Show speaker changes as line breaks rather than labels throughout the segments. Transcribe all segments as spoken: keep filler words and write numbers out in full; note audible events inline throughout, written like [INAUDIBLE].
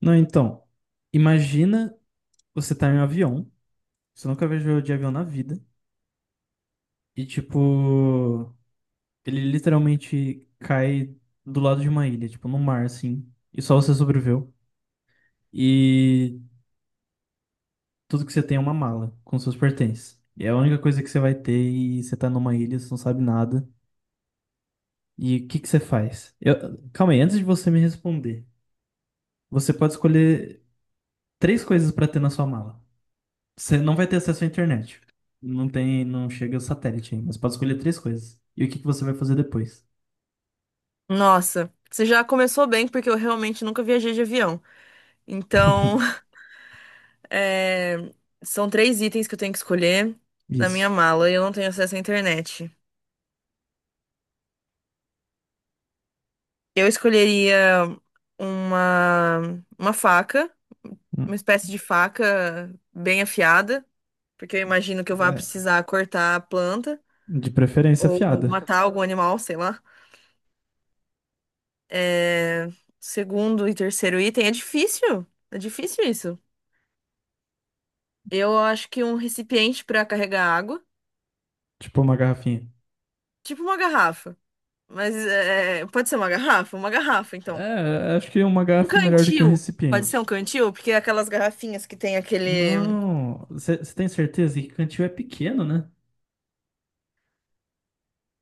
Não, então, imagina você tá em um avião, você nunca viajou de avião na vida, e tipo, ele literalmente cai do lado de uma ilha, tipo, no mar, assim, e só você sobreviveu. E tudo que você tem é uma mala com seus pertences. E é a única coisa que você vai ter e você tá numa ilha, você não sabe nada. E o que que você faz? Eu- calma aí, antes de você me responder, você pode escolher três coisas pra ter na sua mala. Você não vai ter acesso à internet. Não tem, não chega o satélite ainda. Você pode escolher três coisas. E o que que você vai fazer depois?
Nossa, você já começou bem, porque eu realmente nunca viajei de avião. Então, [LAUGHS] é, são três itens que eu tenho que escolher na minha
Isso.
mala e eu não tenho acesso à internet. Eu escolheria uma, uma faca, uma
Hum,
espécie de faca bem afiada, porque eu imagino que eu vá
É,
precisar cortar a planta
de preferência
ou
afiada.
matar algum animal, sei lá. É, Segundo e terceiro item, é difícil. É difícil isso. Eu acho que um recipiente para carregar água,
Tipo uma garrafinha.
tipo uma garrafa. Mas é, pode ser uma garrafa? Uma garrafa, então.
É, acho que uma
Um
garrafa é melhor do que um
cantil. Pode ser
recipiente.
um cantil, porque é aquelas garrafinhas que tem aquele.
Não. Você você tem certeza que cantil é pequeno, né?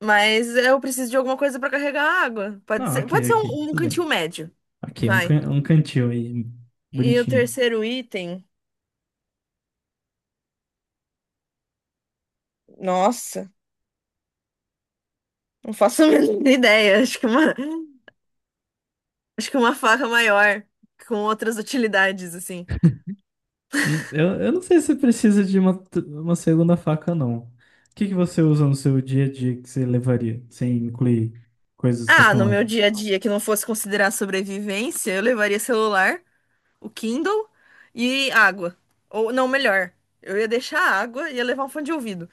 Mas eu preciso de alguma coisa para carregar água. Pode
Não,
ser, pode
ok,
ser
ok.
um, um
Tudo
cantil
bem.
médio.
Ok, um,
Vai.
can- um cantil aí.
E o
Bonitinho.
terceiro item. Nossa, não faço a [LAUGHS] menor ideia. Acho que uma, acho que uma faca maior, com outras utilidades, assim.
Hum, Eu, eu não sei se precisa de uma, t- uma segunda faca, não. O que que você usa no seu dia a dia que você levaria, sem incluir coisas
Ah, no meu
tecnológicas?
dia a dia, que não fosse considerar sobrevivência, eu levaria celular, o Kindle e água. Ou não, melhor, eu ia deixar a água e ia levar um fone de ouvido.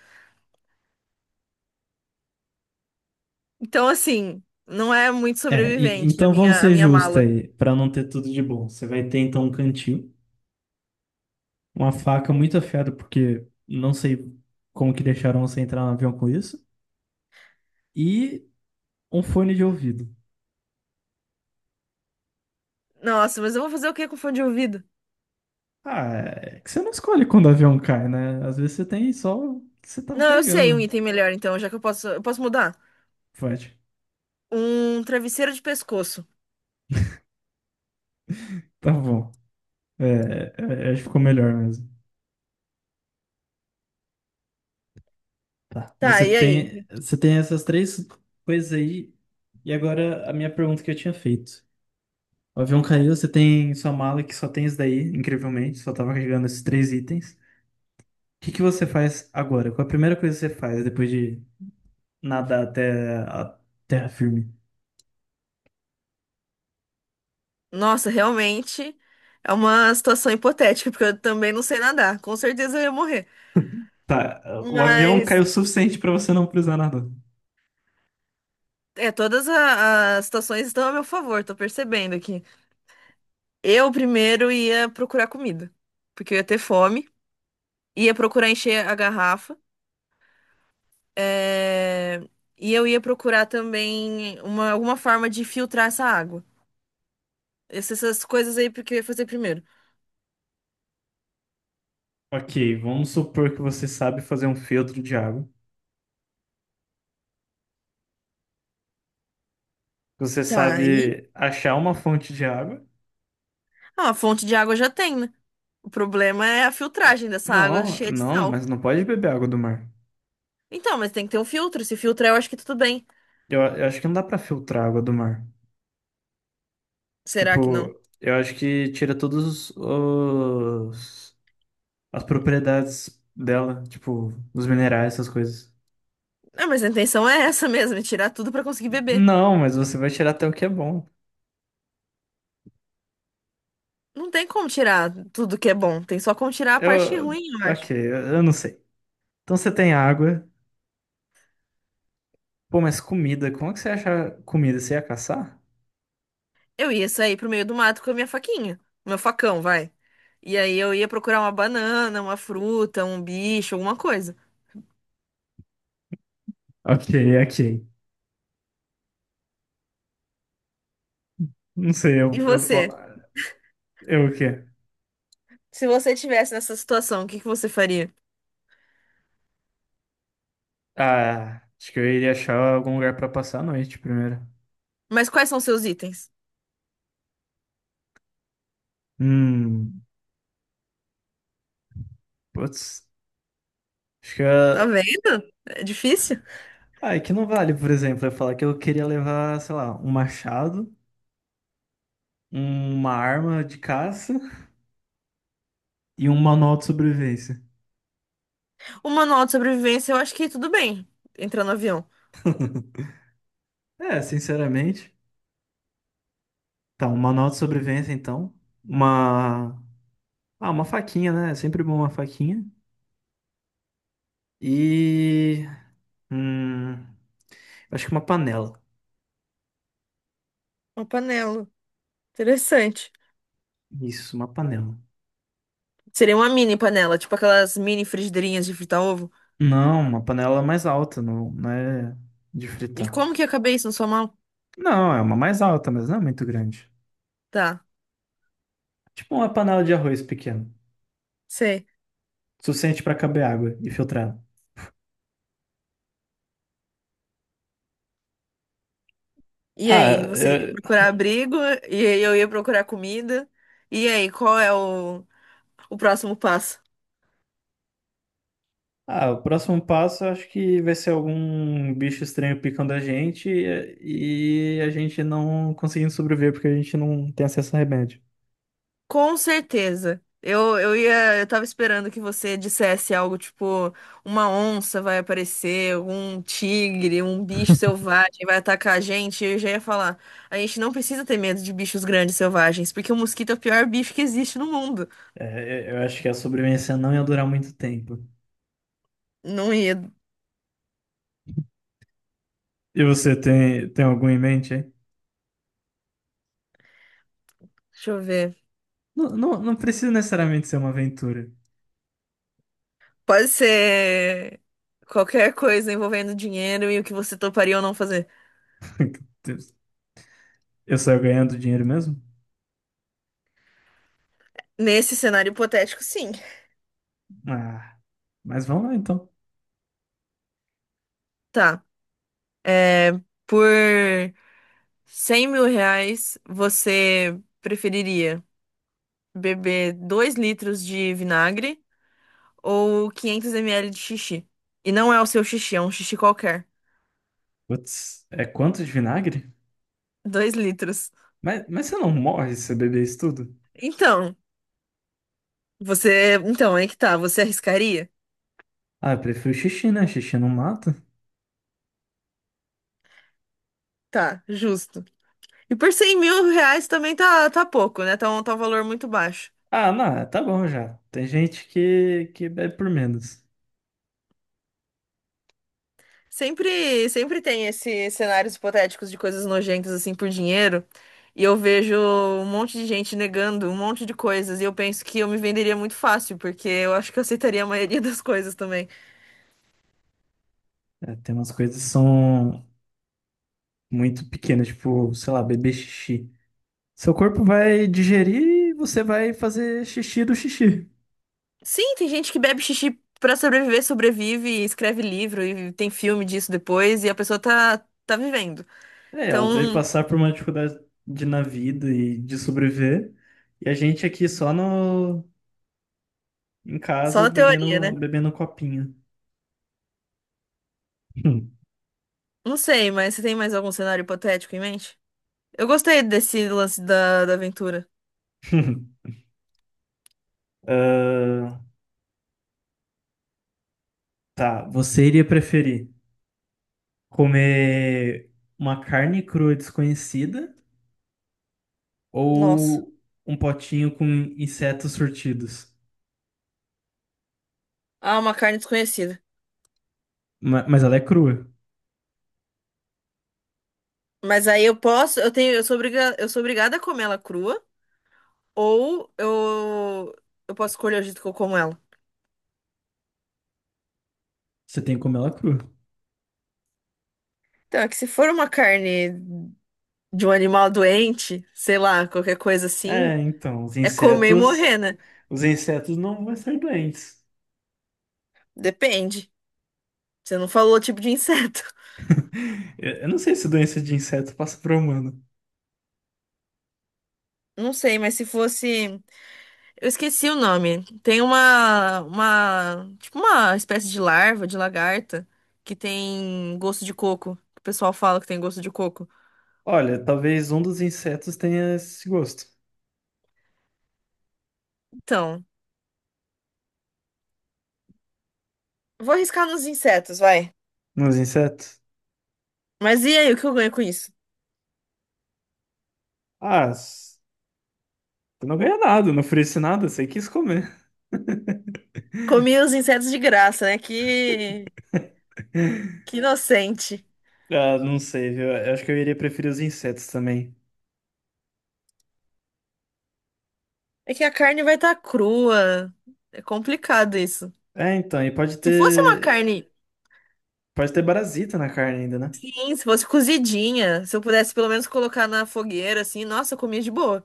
Então, assim, não é muito
É, e-
sobrevivente a
então vamos
minha, a
ser
minha
justos
mala.
aí, para não ter tudo de bom. Você vai ter então um cantil, uma faca muito afiada, porque não sei como que deixaram você entrar no avião com isso, e um fone de ouvido.
Nossa, mas eu vou fazer o que com fone de ouvido?
Ah, é que você não escolhe quando o avião cai, né? Às vezes você tem só o que você tava
Não, eu sei um
carregando.
item melhor, então, já que eu posso, eu posso mudar.
Pode.
Um travesseiro de pescoço.
Tá bom. É, é, acho que ficou melhor mesmo. Tá.
Tá,
Você
e
tem,
aí?
você tem essas três coisas aí. E agora a minha pergunta que eu tinha feito. O avião caiu, você tem sua mala que só tem isso daí, incrivelmente, só tava carregando esses três itens. O que que você faz agora? Qual é a primeira coisa que você faz depois de nadar até a terra firme?
Nossa, realmente é uma situação hipotética, porque eu também não sei nadar. Com certeza eu ia morrer.
Tá, o avião caiu
Mas,
o suficiente pra você não precisar nadar.
é, todas a- as situações estão a meu favor, tô percebendo aqui. Eu primeiro ia procurar comida, porque eu ia ter fome, ia procurar encher a garrafa, é, e eu ia procurar também uma, alguma forma de filtrar essa água. Essas, essas coisas aí porque eu ia fazer primeiro.
Ok, vamos supor que você sabe fazer um filtro de água. Que Você
Tá, aí.
sabe achar uma fonte de água.
Ah, a fonte de água já tem, né? O problema é a filtragem dessa água
Não,
cheia de
não,
sal.
mas não pode beber água do mar.
Então, mas tem que ter um filtro. Se filtrar, eu acho que tudo bem.
Eu, a- eu acho que não dá pra filtrar a água do mar.
Será que não?
Tipo, eu acho que tira todos os os- as propriedades dela, tipo, os minerais, essas coisas.
Ah, mas a intenção é essa mesmo, é tirar tudo pra conseguir beber.
Não, mas você vai tirar até o que é bom.
Não tem como tirar tudo que é bom, tem só como tirar a parte
Eu,
ruim, eu
ok,
acho.
eu eu não sei. Então você tem água. Pô, mas comida, como é que você acha comida? Você ia caçar?
Eu ia sair pro meio do mato com a minha faquinha, meu facão, vai. E aí eu ia procurar uma banana, uma fruta, um bicho, alguma coisa.
Ok, ok. Não sei,
E
eu, eu, po-
você?
eu o quê?
Se você tivesse nessa situação, o que que você faria?
Ah, acho que eu iria achar algum lugar pra passar a noite primeiro.
Mas quais são seus itens?
Hum, putz. Acho que
Tá
eu,
vendo? É difícil.
Ah, é que não vale, por exemplo, eu falar que eu queria levar, sei lá, um machado, uma arma de caça e um manual de sobrevivência.
O manual de sobrevivência, eu acho que tudo bem. Entrar no avião.
É, sinceramente. Tá, um manual de sobrevivência, então. Uma. Ah, uma faquinha, né? É sempre bom uma faquinha. E. Hum. Acho que uma panela.
Uma panela. Interessante.
Isso, uma panela.
Seria uma mini panela, tipo aquelas mini frigideirinhas de fritar ovo.
Não, uma panela mais alta, não, não é de
E
fritar.
como que eu acabei isso na sua mão?
Não, é uma mais alta, mas não é muito grande.
Tá,
Tipo uma panela de arroz pequena.
sei.
Suficiente para caber água e filtrar.
E aí,
Ah,
você ia
eu-
procurar abrigo, e aí eu ia procurar comida. E aí, qual é o, o próximo passo?
ah, o próximo passo eu acho que vai ser algum bicho estranho picando a gente e e a gente não conseguindo sobreviver porque a gente não tem acesso a remédio.
Com certeza. Eu, eu ia, eu tava esperando que você dissesse algo tipo, uma onça vai aparecer, um tigre, um bicho selvagem vai atacar a gente. Eu já ia falar, a gente não precisa ter medo de bichos grandes selvagens, porque o mosquito é o pior bicho que existe no mundo.
É, eu eu acho que a sobrevivência não ia durar muito tempo.
Não ia.
E você tem, tem algum em mente aí?
Deixa eu ver.
Não, não, não precisa necessariamente ser uma aventura.
Pode ser qualquer coisa envolvendo dinheiro e o que você toparia ou não fazer.
[LAUGHS] Eu saio ganhando dinheiro mesmo?
Nesse cenário hipotético, sim.
Ah, mas vamos lá então.
Tá. É, por cem mil reais, você preferiria beber dois litros de vinagre ou quinhentos mililitros de xixi? E não é o seu xixi, é um xixi qualquer.
Putz, é quanto de vinagre?
Dois litros.
Mas, mas você não morre se você beber isso tudo?
Então, você. Então, aí que tá. Você arriscaria?
Ah, eu prefiro xixi, né? Xixi não mata.
Tá, justo. E por cem mil reais também tá, tá, pouco, né? Tá um, tá um valor muito baixo.
Ah, não, é, tá bom já. Tem gente que, que bebe por menos.
Sempre, sempre tem esses cenários hipotéticos de coisas nojentas assim por dinheiro, e eu vejo um monte de gente negando um monte de coisas, e eu penso que eu me venderia muito fácil, porque eu acho que eu aceitaria a maioria [LAUGHS] das coisas também.
É, tem umas coisas que são muito pequenas, tipo, sei lá, beber xixi. Seu corpo vai digerir e você vai fazer xixi do xixi.
Sim, tem gente que bebe xixi pra sobreviver, sobrevive, e escreve livro e tem filme disso depois, e a pessoa tá, tá vivendo.
É, ela teve que
Então,
passar por uma dificuldade de- na vida e de sobreviver. E a gente aqui só no, em
só
casa
na teoria, né?
bebendo, bebendo um copinho. Hum.
Não sei, mas você tem mais algum cenário hipotético em mente? Eu gostei desse lance da, da aventura.
[LAUGHS] Ah, tá, você iria preferir comer uma carne crua desconhecida
Nossa.
ou um potinho com insetos surtidos?
Ah, uma carne desconhecida.
Ma- Mas ela é crua.
Mas aí eu posso, eu tenho, eu sou obriga, eu sou obrigada a comer ela crua, ou eu, eu posso escolher o jeito que eu como ela.
Você tem que comer ela crua.
Então, é que se for uma carne de um animal doente, sei lá, qualquer coisa assim,
É, então, os
é comer e
insetos,
morrer, né?
os insetos não vão ser doentes.
Depende. Você não falou o tipo de inseto.
[LAUGHS] Eu eu não sei se doença de inseto passa para humano.
[LAUGHS] Não sei, mas se fosse. Eu esqueci o nome. Tem uma, uma, tipo uma espécie de larva, de lagarta, que tem gosto de coco. O pessoal fala que tem gosto de coco.
Olha, talvez um dos insetos tenha esse gosto.
Então, vou arriscar nos insetos, vai.
Nos insetos?
Mas e aí, o que eu ganho com isso?
Ah, s- eu não ganhei nada, eu não ofereci nada, você quis comer.
Comi os insetos de graça, né? Que, que inocente.
Ah, não sei, viu? Eu acho que eu iria preferir os insetos também.
É que a carne vai estar crua. É complicado isso.
É, então, e pode
Se fosse uma
ter,
carne,
pode ter parasita na carne ainda, né?
sim, se fosse cozidinha, se eu pudesse pelo menos colocar na fogueira, assim, nossa, eu comia de boa.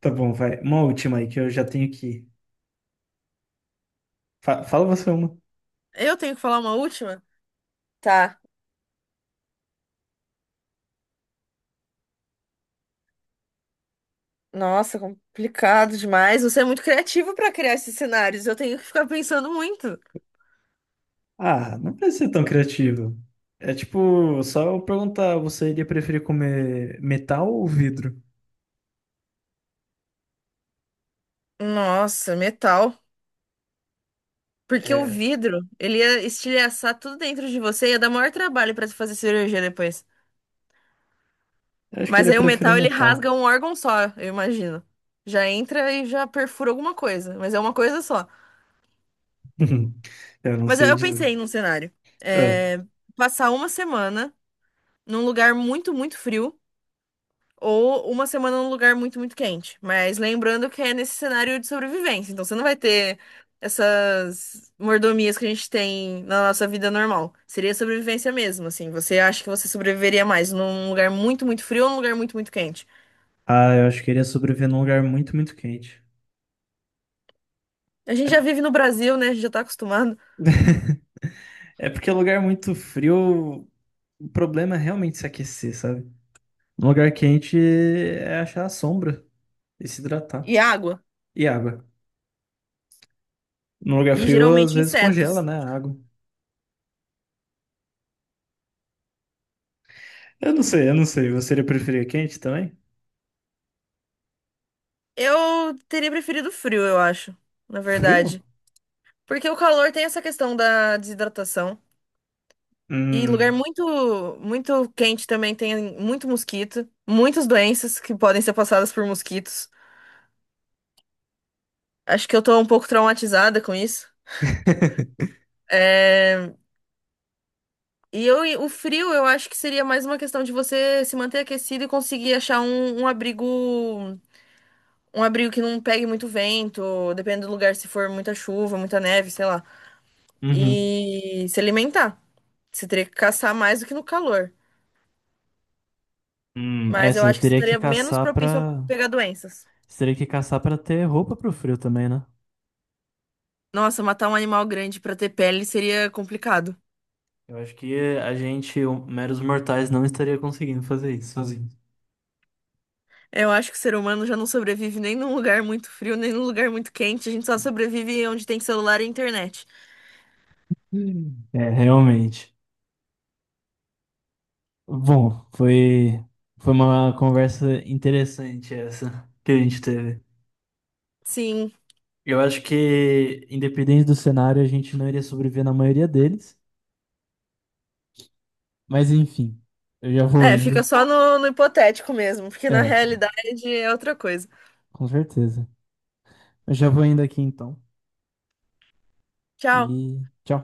Tá bom, vai. Uma última aí que eu já tenho que. Fa- fala você uma.
Eu tenho que falar uma última? Tá. Nossa, complicado demais. Você é muito criativo para criar esses cenários. Eu tenho que ficar pensando muito.
Ah, não precisa ser tão criativo. É tipo, só eu perguntar, você iria preferir comer metal ou vidro?
Nossa, metal. Porque o
É,
vidro, ele ia estilhaçar tudo dentro de você, ia dar maior trabalho pra tu fazer cirurgia depois.
eu acho que
Mas
ele
aí o
preferir
metal, ele
metal.
rasga um órgão só, eu imagino. Já entra e já perfura alguma coisa, mas é uma coisa só.
[LAUGHS] Eu não
Mas eu,
sei
eu
dizer.
pensei num cenário.
É.
É, passar uma semana num lugar muito, muito frio. Ou uma semana num lugar muito, muito quente. Mas lembrando que é nesse cenário de sobrevivência. Então você não vai ter essas mordomias que a gente tem na nossa vida normal. Seria sobrevivência mesmo, assim. Você acha que você sobreviveria mais num lugar muito, muito frio ou num lugar muito, muito quente?
Ah, eu acho que ele ia sobreviver num lugar muito, muito quente.
A gente
É,
já vive no Brasil, né? A gente já tá acostumado.
[LAUGHS] é porque lugar muito frio, o problema é realmente se aquecer, sabe? Um lugar quente é achar a sombra. E se
E
hidratar.
água.
E água. Num lugar
E
frio, às
geralmente
vezes congela,
insetos.
né? A água. Eu não sei, eu não sei. Você iria preferir quente também?
Eu teria preferido frio, eu acho. Na
Frio?
verdade. Porque o calor tem essa questão da desidratação. E lugar
Hum.
muito, muito quente também tem muito mosquito, muitas doenças que podem ser passadas por mosquitos. Acho que eu tô um pouco traumatizada com isso. É, e eu, e o frio, eu acho que seria mais uma questão de você se manter aquecido e conseguir achar um, um abrigo, um abrigo que não pegue muito vento, dependendo do lugar, se for muita chuva, muita neve, sei lá.
Uhum.
E se alimentar. Você teria que caçar mais do que no calor.
Hum, é,
Mas eu
você
acho que você
teria que
estaria menos
caçar
propício a
pra.
pegar doenças.
Você teria que caçar pra ter roupa pro frio também, né?
Nossa, matar um animal grande pra ter pele seria complicado.
Eu acho que a gente, o- meros mortais, não estaria conseguindo fazer isso sozinho.
É, Eu acho que o ser humano já não sobrevive nem num lugar muito frio, nem num lugar muito quente. A gente só sobrevive onde tem celular e internet.
Hum. É, realmente. Bom, foi, foi uma conversa interessante essa que a gente teve.
Sim.
Eu acho que, independente do cenário, a gente não iria sobreviver na maioria deles. Mas enfim, eu já vou
É, fica
indo.
só no, no hipotético mesmo, porque na
É,
realidade é outra coisa.
com certeza. Eu já vou indo aqui então.
Tchau.
E tchau.